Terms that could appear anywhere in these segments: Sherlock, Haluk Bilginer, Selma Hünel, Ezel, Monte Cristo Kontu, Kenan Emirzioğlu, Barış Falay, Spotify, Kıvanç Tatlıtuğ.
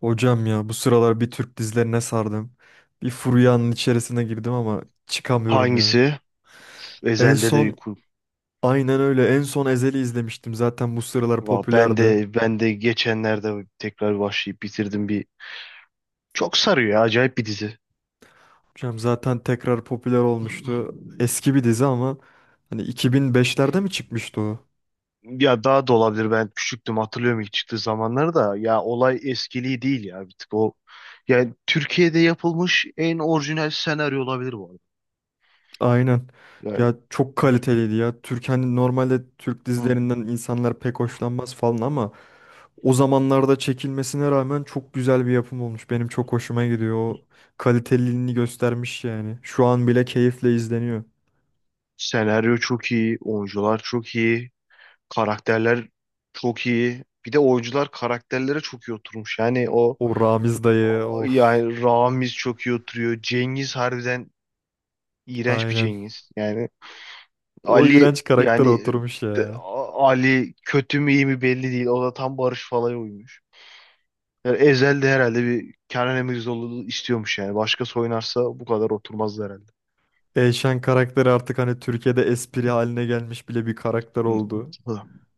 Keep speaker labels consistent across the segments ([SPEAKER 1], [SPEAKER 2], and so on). [SPEAKER 1] Hocam ya bu sıralar bir Türk dizilerine sardım. Bir furyanın içerisine girdim ama çıkamıyorum ya.
[SPEAKER 2] Hangisi?
[SPEAKER 1] En
[SPEAKER 2] Ezel'de de bir
[SPEAKER 1] son
[SPEAKER 2] kur.
[SPEAKER 1] aynen öyle en son Ezel'i izlemiştim. Zaten bu sıralar
[SPEAKER 2] Va- Ben
[SPEAKER 1] popülerdi.
[SPEAKER 2] de ben de geçenlerde tekrar başlayıp bitirdim bir. Çok sarıyor ya, acayip bir dizi.
[SPEAKER 1] Hocam zaten tekrar popüler olmuştu. Eski bir dizi ama hani 2005'lerde mi çıkmıştı o?
[SPEAKER 2] Ya daha da olabilir, ben küçüktüm, hatırlıyorum ilk çıktığı zamanları da. Ya olay eskiliği değil ya, bir tık o, yani Türkiye'de yapılmış en orijinal senaryo olabilir bu arada.
[SPEAKER 1] Aynen.
[SPEAKER 2] Yani,
[SPEAKER 1] Ya çok
[SPEAKER 2] hı,
[SPEAKER 1] kaliteliydi ya. Türk, hani normalde Türk
[SPEAKER 2] hı.
[SPEAKER 1] dizilerinden insanlar pek hoşlanmaz falan ama o zamanlarda çekilmesine rağmen çok güzel bir yapım olmuş. Benim çok hoşuma gidiyor. O kaliteliliğini göstermiş yani. Şu an bile keyifle izleniyor.
[SPEAKER 2] Senaryo çok iyi, oyuncular çok iyi, karakterler çok iyi. Bir de oyuncular karakterlere çok iyi oturmuş. Yani o.
[SPEAKER 1] O Ramiz dayı, of.
[SPEAKER 2] Yani Ramiz çok iyi oturuyor. Cengiz harbiden iğrenç bir
[SPEAKER 1] Aynen.
[SPEAKER 2] Cengiz. Yani
[SPEAKER 1] O
[SPEAKER 2] Ali,
[SPEAKER 1] iğrenç karakter
[SPEAKER 2] yani
[SPEAKER 1] oturmuş ya.
[SPEAKER 2] Ali kötü mü iyi mi belli değil. O da tam Barış Falay uymuş. Yani Ezel de herhalde bir Kenan Emirzioğlu istiyormuş yani. Başkası oynarsa bu kadar oturmazdı herhalde.
[SPEAKER 1] Eyşan karakteri artık hani Türkiye'de espri haline gelmiş bile bir karakter
[SPEAKER 2] Hı.
[SPEAKER 1] oldu.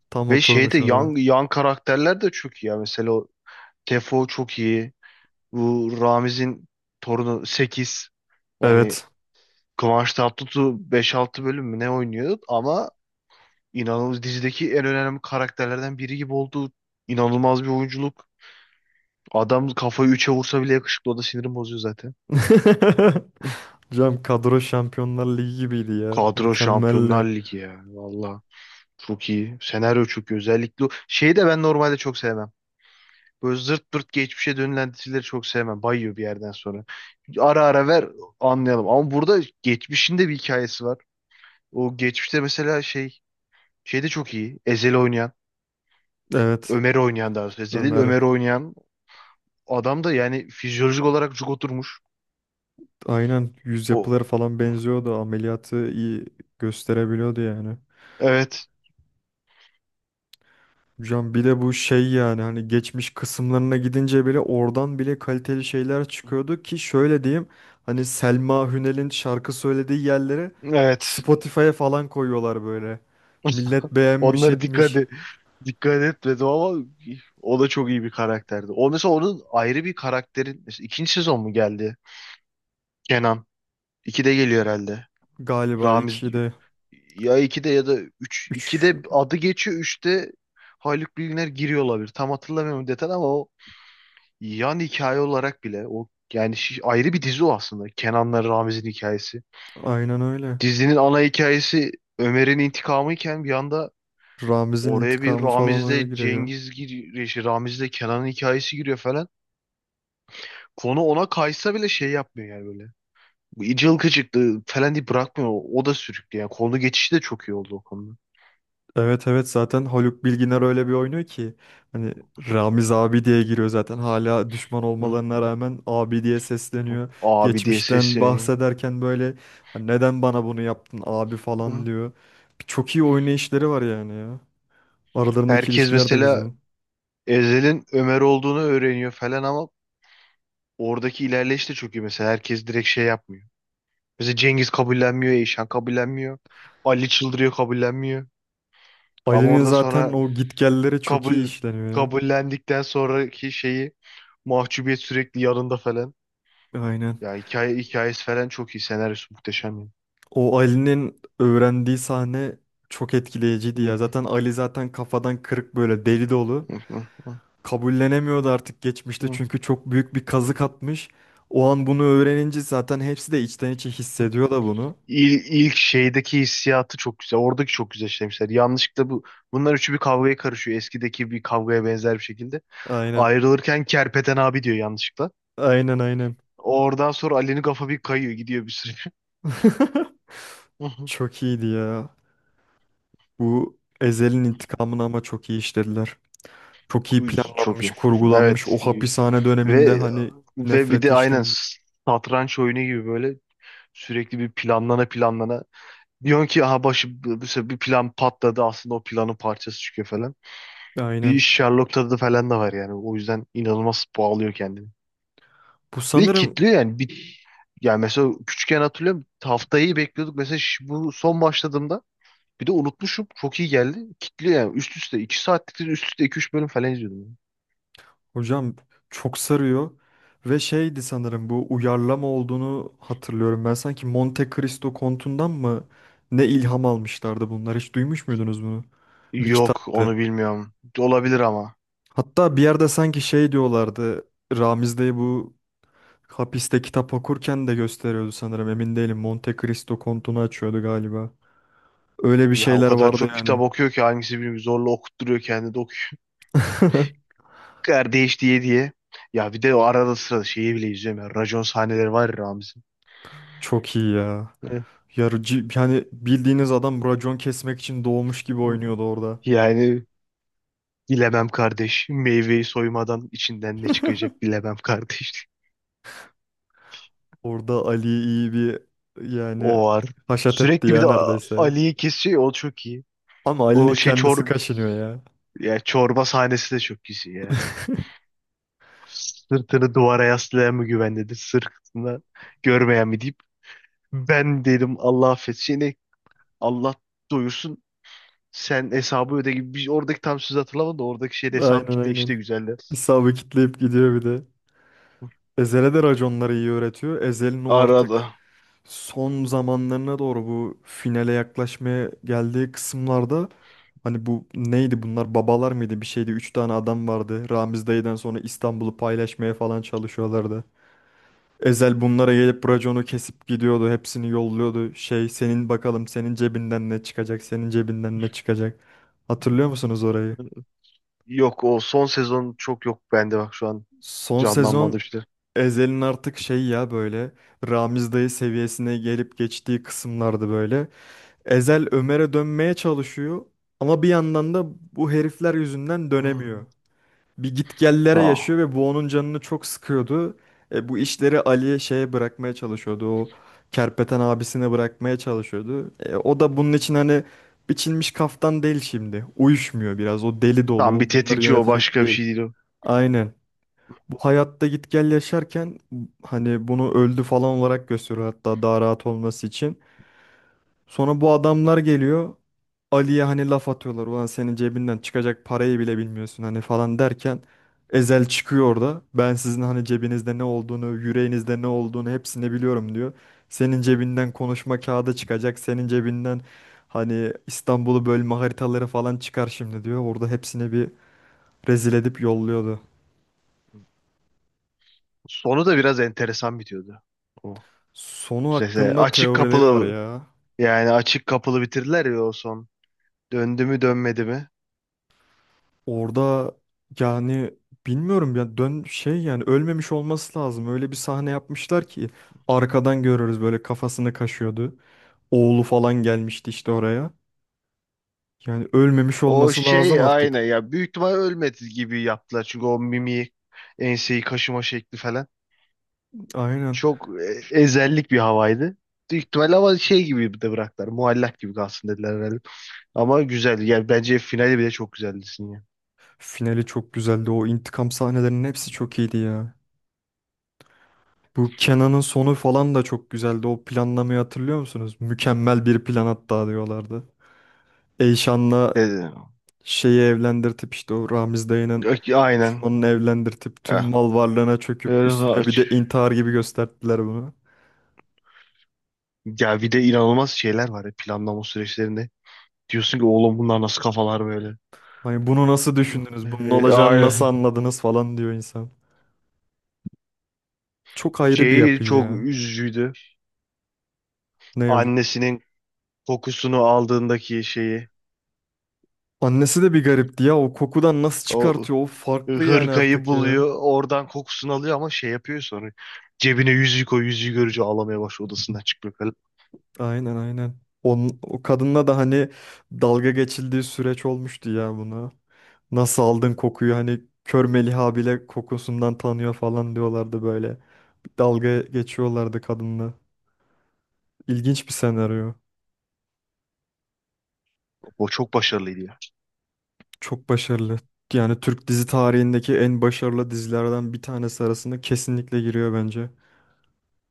[SPEAKER 1] Tam
[SPEAKER 2] Ve şeyde
[SPEAKER 1] oturmuş ona.
[SPEAKER 2] yan karakterler de çok iyi ya. Mesela o Tefo çok iyi. Bu Ramiz'in torunu 8. Yani
[SPEAKER 1] Evet.
[SPEAKER 2] Kıvanç Tatlıtuğ 5 6 bölüm mü ne oynuyor ama İnanılmaz dizideki en önemli karakterlerden biri gibi oldu. İnanılmaz bir oyunculuk. Adam kafayı üçe vursa bile yakışıklı. O da sinirim bozuyor zaten.
[SPEAKER 1] Cam kadro Şampiyonlar Ligi gibiydi ya.
[SPEAKER 2] Kadro Şampiyonlar
[SPEAKER 1] Mükemmeldi.
[SPEAKER 2] Ligi ya. Valla çok iyi. Senaryo çok iyi. Özellikle şeyi de ben normalde çok sevmem. Böyle zırt pırt geçmişe dönülen dizileri çok sevmem. Bayıyor bir yerden sonra. Ara ara ver anlayalım. Ama burada geçmişin de bir hikayesi var. O geçmişte mesela şey de çok iyi. Ezel'i oynayan.
[SPEAKER 1] Evet.
[SPEAKER 2] Ömer'i oynayan daha doğrusu. Ezel değil,
[SPEAKER 1] Ömer.
[SPEAKER 2] Ömer'i oynayan adam da yani fizyolojik olarak cuk oturmuş.
[SPEAKER 1] Aynen, yüz
[SPEAKER 2] O.
[SPEAKER 1] yapıları falan benziyordu. Ameliyatı iyi gösterebiliyordu yani.
[SPEAKER 2] Evet.
[SPEAKER 1] Hocam bir de bu şey, yani hani geçmiş kısımlarına gidince bile oradan bile kaliteli şeyler çıkıyordu ki şöyle diyeyim, hani Selma Hünel'in şarkı söylediği yerleri
[SPEAKER 2] Evet.
[SPEAKER 1] Spotify'a falan koyuyorlar böyle. Millet beğenmiş
[SPEAKER 2] Onlara dikkat
[SPEAKER 1] etmiş.
[SPEAKER 2] et, dikkat etmedim ama o da çok iyi bir karakterdi. O mesela, onun ayrı bir karakterin, mesela ikinci sezon mu geldi? Kenan. İkide geliyor herhalde.
[SPEAKER 1] Galiba
[SPEAKER 2] Ramiz
[SPEAKER 1] iki de,
[SPEAKER 2] ya ikide ya da üç.
[SPEAKER 1] üç,
[SPEAKER 2] İkide adı geçiyor. Üçte Haluk Bilginer giriyor olabilir. Tam hatırlamıyorum detay ama o yan hikaye olarak bile, o yani ayrı bir dizi o aslında. Kenan'la Ramiz'in hikayesi.
[SPEAKER 1] aynen öyle.
[SPEAKER 2] Dizinin ana hikayesi Ömer'in intikamı iken bir anda
[SPEAKER 1] Ramiz'in
[SPEAKER 2] oraya bir
[SPEAKER 1] intikamı falan öyle
[SPEAKER 2] Ramiz'le
[SPEAKER 1] giriyor.
[SPEAKER 2] Cengiz giriyor, şey, Ramiz'le Kenan'ın hikayesi giriyor falan. Konu ona kaysa bile şey yapmıyor yani, böyle bu ıcıl falan diye bırakmıyor. O da sürüklüyor. Yani konu geçişi de çok iyi oldu o konuda.
[SPEAKER 1] Evet, evet, zaten Haluk Bilginer öyle bir oynuyor ki hani Ramiz abi diye giriyor zaten, hala düşman
[SPEAKER 2] Hı.
[SPEAKER 1] olmalarına rağmen abi diye sesleniyor.
[SPEAKER 2] Abi diye
[SPEAKER 1] Geçmişten
[SPEAKER 2] sesleniyor.
[SPEAKER 1] bahsederken böyle "Hani neden bana bunu yaptın abi"
[SPEAKER 2] Hı.
[SPEAKER 1] falan diyor. Çok iyi oynayışları var yani ya. Aralarındaki
[SPEAKER 2] Herkes
[SPEAKER 1] ilişkiler de
[SPEAKER 2] mesela
[SPEAKER 1] güzel.
[SPEAKER 2] Ezel'in Ömer olduğunu öğreniyor falan ama oradaki ilerleyiş de çok iyi. Mesela herkes direkt şey yapmıyor. Mesela Cengiz kabullenmiyor, Eyşan kabullenmiyor. Ali çıldırıyor, kabullenmiyor. Ama
[SPEAKER 1] Ali'nin
[SPEAKER 2] orada
[SPEAKER 1] zaten
[SPEAKER 2] sonra
[SPEAKER 1] o gitgelleri çok iyi
[SPEAKER 2] kabul,
[SPEAKER 1] işleniyor ya.
[SPEAKER 2] kabullendikten sonraki şeyi, mahcubiyet sürekli yanında falan.
[SPEAKER 1] Aynen.
[SPEAKER 2] Ya hikaye hikayesi falan çok iyi. Senaryosu muhteşem ya.
[SPEAKER 1] O Ali'nin öğrendiği sahne çok etkileyiciydi
[SPEAKER 2] Hı,
[SPEAKER 1] ya. Zaten Ali zaten kafadan kırık, böyle deli dolu.
[SPEAKER 2] hı, hı, hı,
[SPEAKER 1] Kabullenemiyordu artık, geçmişte
[SPEAKER 2] hı,
[SPEAKER 1] çünkü çok büyük bir
[SPEAKER 2] hı,
[SPEAKER 1] kazık atmış. O an bunu öğrenince zaten hepsi de içten içe
[SPEAKER 2] hı.
[SPEAKER 1] hissediyor da bunu.
[SPEAKER 2] İl, ilk şeydeki hissiyatı çok güzel. Oradaki çok güzel işlemişler. Yanlışlıkla bunlar üçü bir kavgaya karışıyor. Eskideki bir kavgaya benzer bir şekilde.
[SPEAKER 1] Aynen.
[SPEAKER 2] Ayrılırken Kerpeten abi diyor yanlışlıkla.
[SPEAKER 1] Aynen, aynen.
[SPEAKER 2] Oradan sonra Ali'nin kafa bir kayıyor. Gidiyor bir süre.
[SPEAKER 1] Çok iyiydi ya. Bu Ezel'in intikamını ama çok iyi işlediler. Çok iyi
[SPEAKER 2] Çok
[SPEAKER 1] planlanmış,
[SPEAKER 2] iyi.
[SPEAKER 1] kurgulanmış.
[SPEAKER 2] Evet.
[SPEAKER 1] O hapishane döneminde
[SPEAKER 2] Ve
[SPEAKER 1] hani
[SPEAKER 2] bir de
[SPEAKER 1] nefreti
[SPEAKER 2] aynen
[SPEAKER 1] işlemiş.
[SPEAKER 2] satranç oyunu gibi, böyle sürekli bir planlana planlana. Diyorsun ki aha, başı mesela bir plan patladı, aslında o planın parçası çıkıyor falan. Bir
[SPEAKER 1] Aynen.
[SPEAKER 2] Sherlock tadı falan da var yani. O yüzden inanılmaz bağlıyor kendini.
[SPEAKER 1] Bu
[SPEAKER 2] Ve
[SPEAKER 1] sanırım,
[SPEAKER 2] kitliyor yani. Bir, yani mesela küçükken hatırlıyorum, haftayı bekliyorduk. Mesela bu son başladığımda bir de unutmuşum. Çok iyi geldi. Kitliyor yani. Üst üste 2 saatlik, üst üste iki üç bölüm falan izliyordum.
[SPEAKER 1] hocam, çok sarıyor ve şeydi sanırım, bu uyarlama olduğunu hatırlıyorum. Ben sanki Monte Cristo Kontu'ndan mı ne ilham almışlardı bunlar? Hiç duymuş muydunuz bunu? Bir
[SPEAKER 2] Yok,
[SPEAKER 1] kitaptı.
[SPEAKER 2] onu bilmiyorum. Olabilir ama.
[SPEAKER 1] Hatta bir yerde sanki şey diyorlardı. Ramiz Bey bu hapiste kitap okurken de gösteriyordu sanırım. Emin değilim. Monte Cristo Kontu'nu açıyordu galiba. Öyle bir
[SPEAKER 2] Ya o
[SPEAKER 1] şeyler
[SPEAKER 2] kadar
[SPEAKER 1] vardı
[SPEAKER 2] çok kitap
[SPEAKER 1] yani.
[SPEAKER 2] okuyor ki hangisi bilmiyorum, zorla okutturuyor kendini de okuyor. Kardeş diye diye. Ya bir de o arada sırada şeyi bile izliyorum ya. Racon sahneleri var ya, Ramiz'in.
[SPEAKER 1] Çok iyi ya.
[SPEAKER 2] Eh,
[SPEAKER 1] Yarıcı yani bildiğiniz adam racon kesmek için doğmuş gibi oynuyordu orada.
[SPEAKER 2] yani bilemem kardeş. Meyveyi soymadan içinden ne çıkacak bilemem kardeş.
[SPEAKER 1] Orada Ali'yi iyi bir, yani
[SPEAKER 2] O var.
[SPEAKER 1] haşat etti
[SPEAKER 2] Sürekli bir
[SPEAKER 1] ya
[SPEAKER 2] de
[SPEAKER 1] neredeyse.
[SPEAKER 2] Ali'yi kesiyor ya, o çok iyi.
[SPEAKER 1] Ama
[SPEAKER 2] O
[SPEAKER 1] Ali'nin
[SPEAKER 2] şey,
[SPEAKER 1] kendisi kaşınıyor ya.
[SPEAKER 2] ya çorba sahnesi de çok güzel ya. Sırtını duvara yaslayan mı güvendedir? Sırtını görmeyen mi, deyip ben dedim, Allah affetsin. Allah doyursun, sen hesabı öde gibi. Bir, oradaki tam söz hatırlamadım da oradaki şeyde hesabı
[SPEAKER 1] Aynen,
[SPEAKER 2] kitle işte,
[SPEAKER 1] aynen.
[SPEAKER 2] güzeldi.
[SPEAKER 1] Hesabı kitleyip gidiyor bir de. Ezel'e de raconları iyi öğretiyor. Ezel'in o artık
[SPEAKER 2] Arada.
[SPEAKER 1] son zamanlarına doğru, bu finale yaklaşmaya geldiği kısımlarda hani bu neydi, bunlar babalar mıydı, bir şeydi. 3 tane adam vardı. Ramiz dayıdan sonra İstanbul'u paylaşmaya falan çalışıyorlardı. Ezel bunlara gelip raconu kesip gidiyordu. Hepsini yolluyordu. Şey, senin bakalım senin cebinden ne çıkacak? Senin cebinden ne çıkacak? Hatırlıyor musunuz orayı?
[SPEAKER 2] Yok o son sezon çok, yok bende bak, şu an
[SPEAKER 1] Son sezon
[SPEAKER 2] canlanmadı işte.
[SPEAKER 1] Ezel'in artık şey ya, böyle Ramiz dayı seviyesine gelip geçtiği kısımlardı böyle. Ezel Ömer'e dönmeye çalışıyor ama bir yandan da bu herifler yüzünden dönemiyor.
[SPEAKER 2] Hmm.
[SPEAKER 1] Bir gitgellere
[SPEAKER 2] Aa.
[SPEAKER 1] yaşıyor ve bu onun canını çok sıkıyordu. Bu işleri Ali'ye, şeye bırakmaya çalışıyordu. O kerpeten abisine bırakmaya çalışıyordu. O da bunun için hani biçilmiş kaftan değil şimdi. Uyuşmuyor biraz. O deli dolu.
[SPEAKER 2] Tamam, bir
[SPEAKER 1] O bunları, hmm,
[SPEAKER 2] tetikçi o,
[SPEAKER 1] yönetecek
[SPEAKER 2] başka bir
[SPEAKER 1] değil.
[SPEAKER 2] şey değil o.
[SPEAKER 1] Aynen. Bu hayatta gitgel yaşarken hani bunu öldü falan olarak gösteriyor, hatta daha rahat olması için. Sonra bu adamlar geliyor. Ali'ye hani laf atıyorlar. "Ulan senin cebinden çıkacak parayı bile bilmiyorsun" hani falan derken Ezel çıkıyor orada. "Ben sizin hani cebinizde ne olduğunu, yüreğinizde ne olduğunu hepsini biliyorum" diyor. "Senin cebinden konuşma kağıdı çıkacak. Senin cebinden hani İstanbul'u bölme haritaları falan çıkar şimdi" diyor. Orada hepsini bir rezil edip yolluyordu.
[SPEAKER 2] Sonu da biraz enteresan bitiyordu. O
[SPEAKER 1] Sonu
[SPEAKER 2] sese
[SPEAKER 1] hakkında
[SPEAKER 2] açık
[SPEAKER 1] teorileri var
[SPEAKER 2] kapılı,
[SPEAKER 1] ya.
[SPEAKER 2] yani açık kapılı bitirdiler ya o son. Döndü mü dönmedi mi?
[SPEAKER 1] Orada, yani bilmiyorum ya, dön şey, yani ölmemiş olması lazım. Öyle bir sahne yapmışlar ki arkadan görüyoruz, böyle kafasını kaşıyordu. Oğlu falan gelmişti işte oraya. Yani ölmemiş
[SPEAKER 2] O
[SPEAKER 1] olması lazım
[SPEAKER 2] şey aynı
[SPEAKER 1] artık.
[SPEAKER 2] ya, büyük ihtimal ölmedi gibi yaptılar çünkü o mimiği, enseyi kaşıma şekli falan.
[SPEAKER 1] Aynen.
[SPEAKER 2] Çok ezellik bir havaydı. Büyük ihtimalle, ama şey gibi de bıraktılar. Muallak gibi kalsın dediler herhalde. Ama güzeldi. Yani bence finali bile çok güzeldi ya.
[SPEAKER 1] Finali çok güzeldi. O intikam sahnelerinin hepsi çok iyiydi ya. Bu Kenan'ın sonu falan da çok güzeldi. O planlamayı hatırlıyor musunuz? Mükemmel bir plan, hatta diyorlardı. Eyşan'la
[SPEAKER 2] Dedi.
[SPEAKER 1] şeyi evlendirtip işte o Ramiz dayının
[SPEAKER 2] Yok, aynen.
[SPEAKER 1] düşmanını evlendirtip tüm
[SPEAKER 2] Ha.
[SPEAKER 1] mal varlığına çöküp
[SPEAKER 2] Öyle
[SPEAKER 1] üstüne bir de intihar gibi gösterdiler bunu.
[SPEAKER 2] ya bir de inanılmaz şeyler var ya planlama süreçlerinde. Diyorsun ki oğlum bunlar nasıl kafalar böyle.
[SPEAKER 1] Hani bunu nasıl
[SPEAKER 2] Hı.
[SPEAKER 1] düşündünüz? Bunun olacağını nasıl
[SPEAKER 2] Aynen.
[SPEAKER 1] anladınız falan diyor insan. Çok ayrı bir
[SPEAKER 2] Şeyi
[SPEAKER 1] yapı
[SPEAKER 2] çok
[SPEAKER 1] ya.
[SPEAKER 2] üzücüydü.
[SPEAKER 1] Ne hocam?
[SPEAKER 2] Annesinin kokusunu aldığındaki şeyi.
[SPEAKER 1] Annesi de bir garipti ya. O kokudan nasıl
[SPEAKER 2] O
[SPEAKER 1] çıkartıyor? O farklı yani
[SPEAKER 2] hırkayı
[SPEAKER 1] artık ya.
[SPEAKER 2] buluyor. Oradan kokusunu alıyor ama şey yapıyor sonra. Cebine yüzüğü koy, yüzüğü görünce ağlamaya başlıyor, odasından çıkmıyor falan.
[SPEAKER 1] Aynen, aynen. Onun, o kadınla da hani dalga geçildiği süreç olmuştu ya buna. Nasıl aldın kokuyu, hani kör Meliha bile kokusundan tanıyor falan diyorlardı böyle. Dalga geçiyorlardı kadınla. İlginç bir senaryo.
[SPEAKER 2] O çok başarılıydı ya.
[SPEAKER 1] Çok başarılı. Yani Türk dizi tarihindeki en başarılı dizilerden bir tanesi arasında kesinlikle giriyor bence.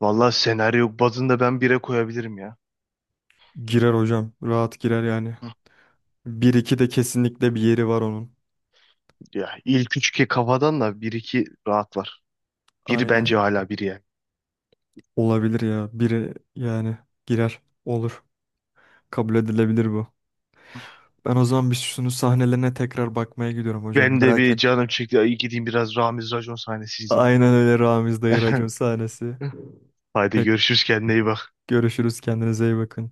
[SPEAKER 2] Valla senaryo bazında ben 1'e koyabilirim ya.
[SPEAKER 1] Girer hocam. Rahat girer yani.
[SPEAKER 2] Hı.
[SPEAKER 1] Bir iki de kesinlikle bir yeri var onun.
[SPEAKER 2] Ya ilk üç, ki kafadan da 1 2 rahat var. Biri
[SPEAKER 1] Aynen.
[SPEAKER 2] bence, hala biri yani.
[SPEAKER 1] Olabilir ya. Biri yani girer. Olur. Kabul edilebilir bu. Ben o zaman bir şunu sahnelerine tekrar bakmaya gidiyorum hocam.
[SPEAKER 2] Ben de,
[SPEAKER 1] Merak
[SPEAKER 2] bir
[SPEAKER 1] ettim.
[SPEAKER 2] canım çekti. Ay gideyim biraz Ramiz racon sahnesi izleyeyim.
[SPEAKER 1] Aynen öyle, Ramiz Dayı racon sahnesi.
[SPEAKER 2] Haydi
[SPEAKER 1] Pek
[SPEAKER 2] görüşürüz, kendine iyi bak.
[SPEAKER 1] görüşürüz. Kendinize iyi bakın.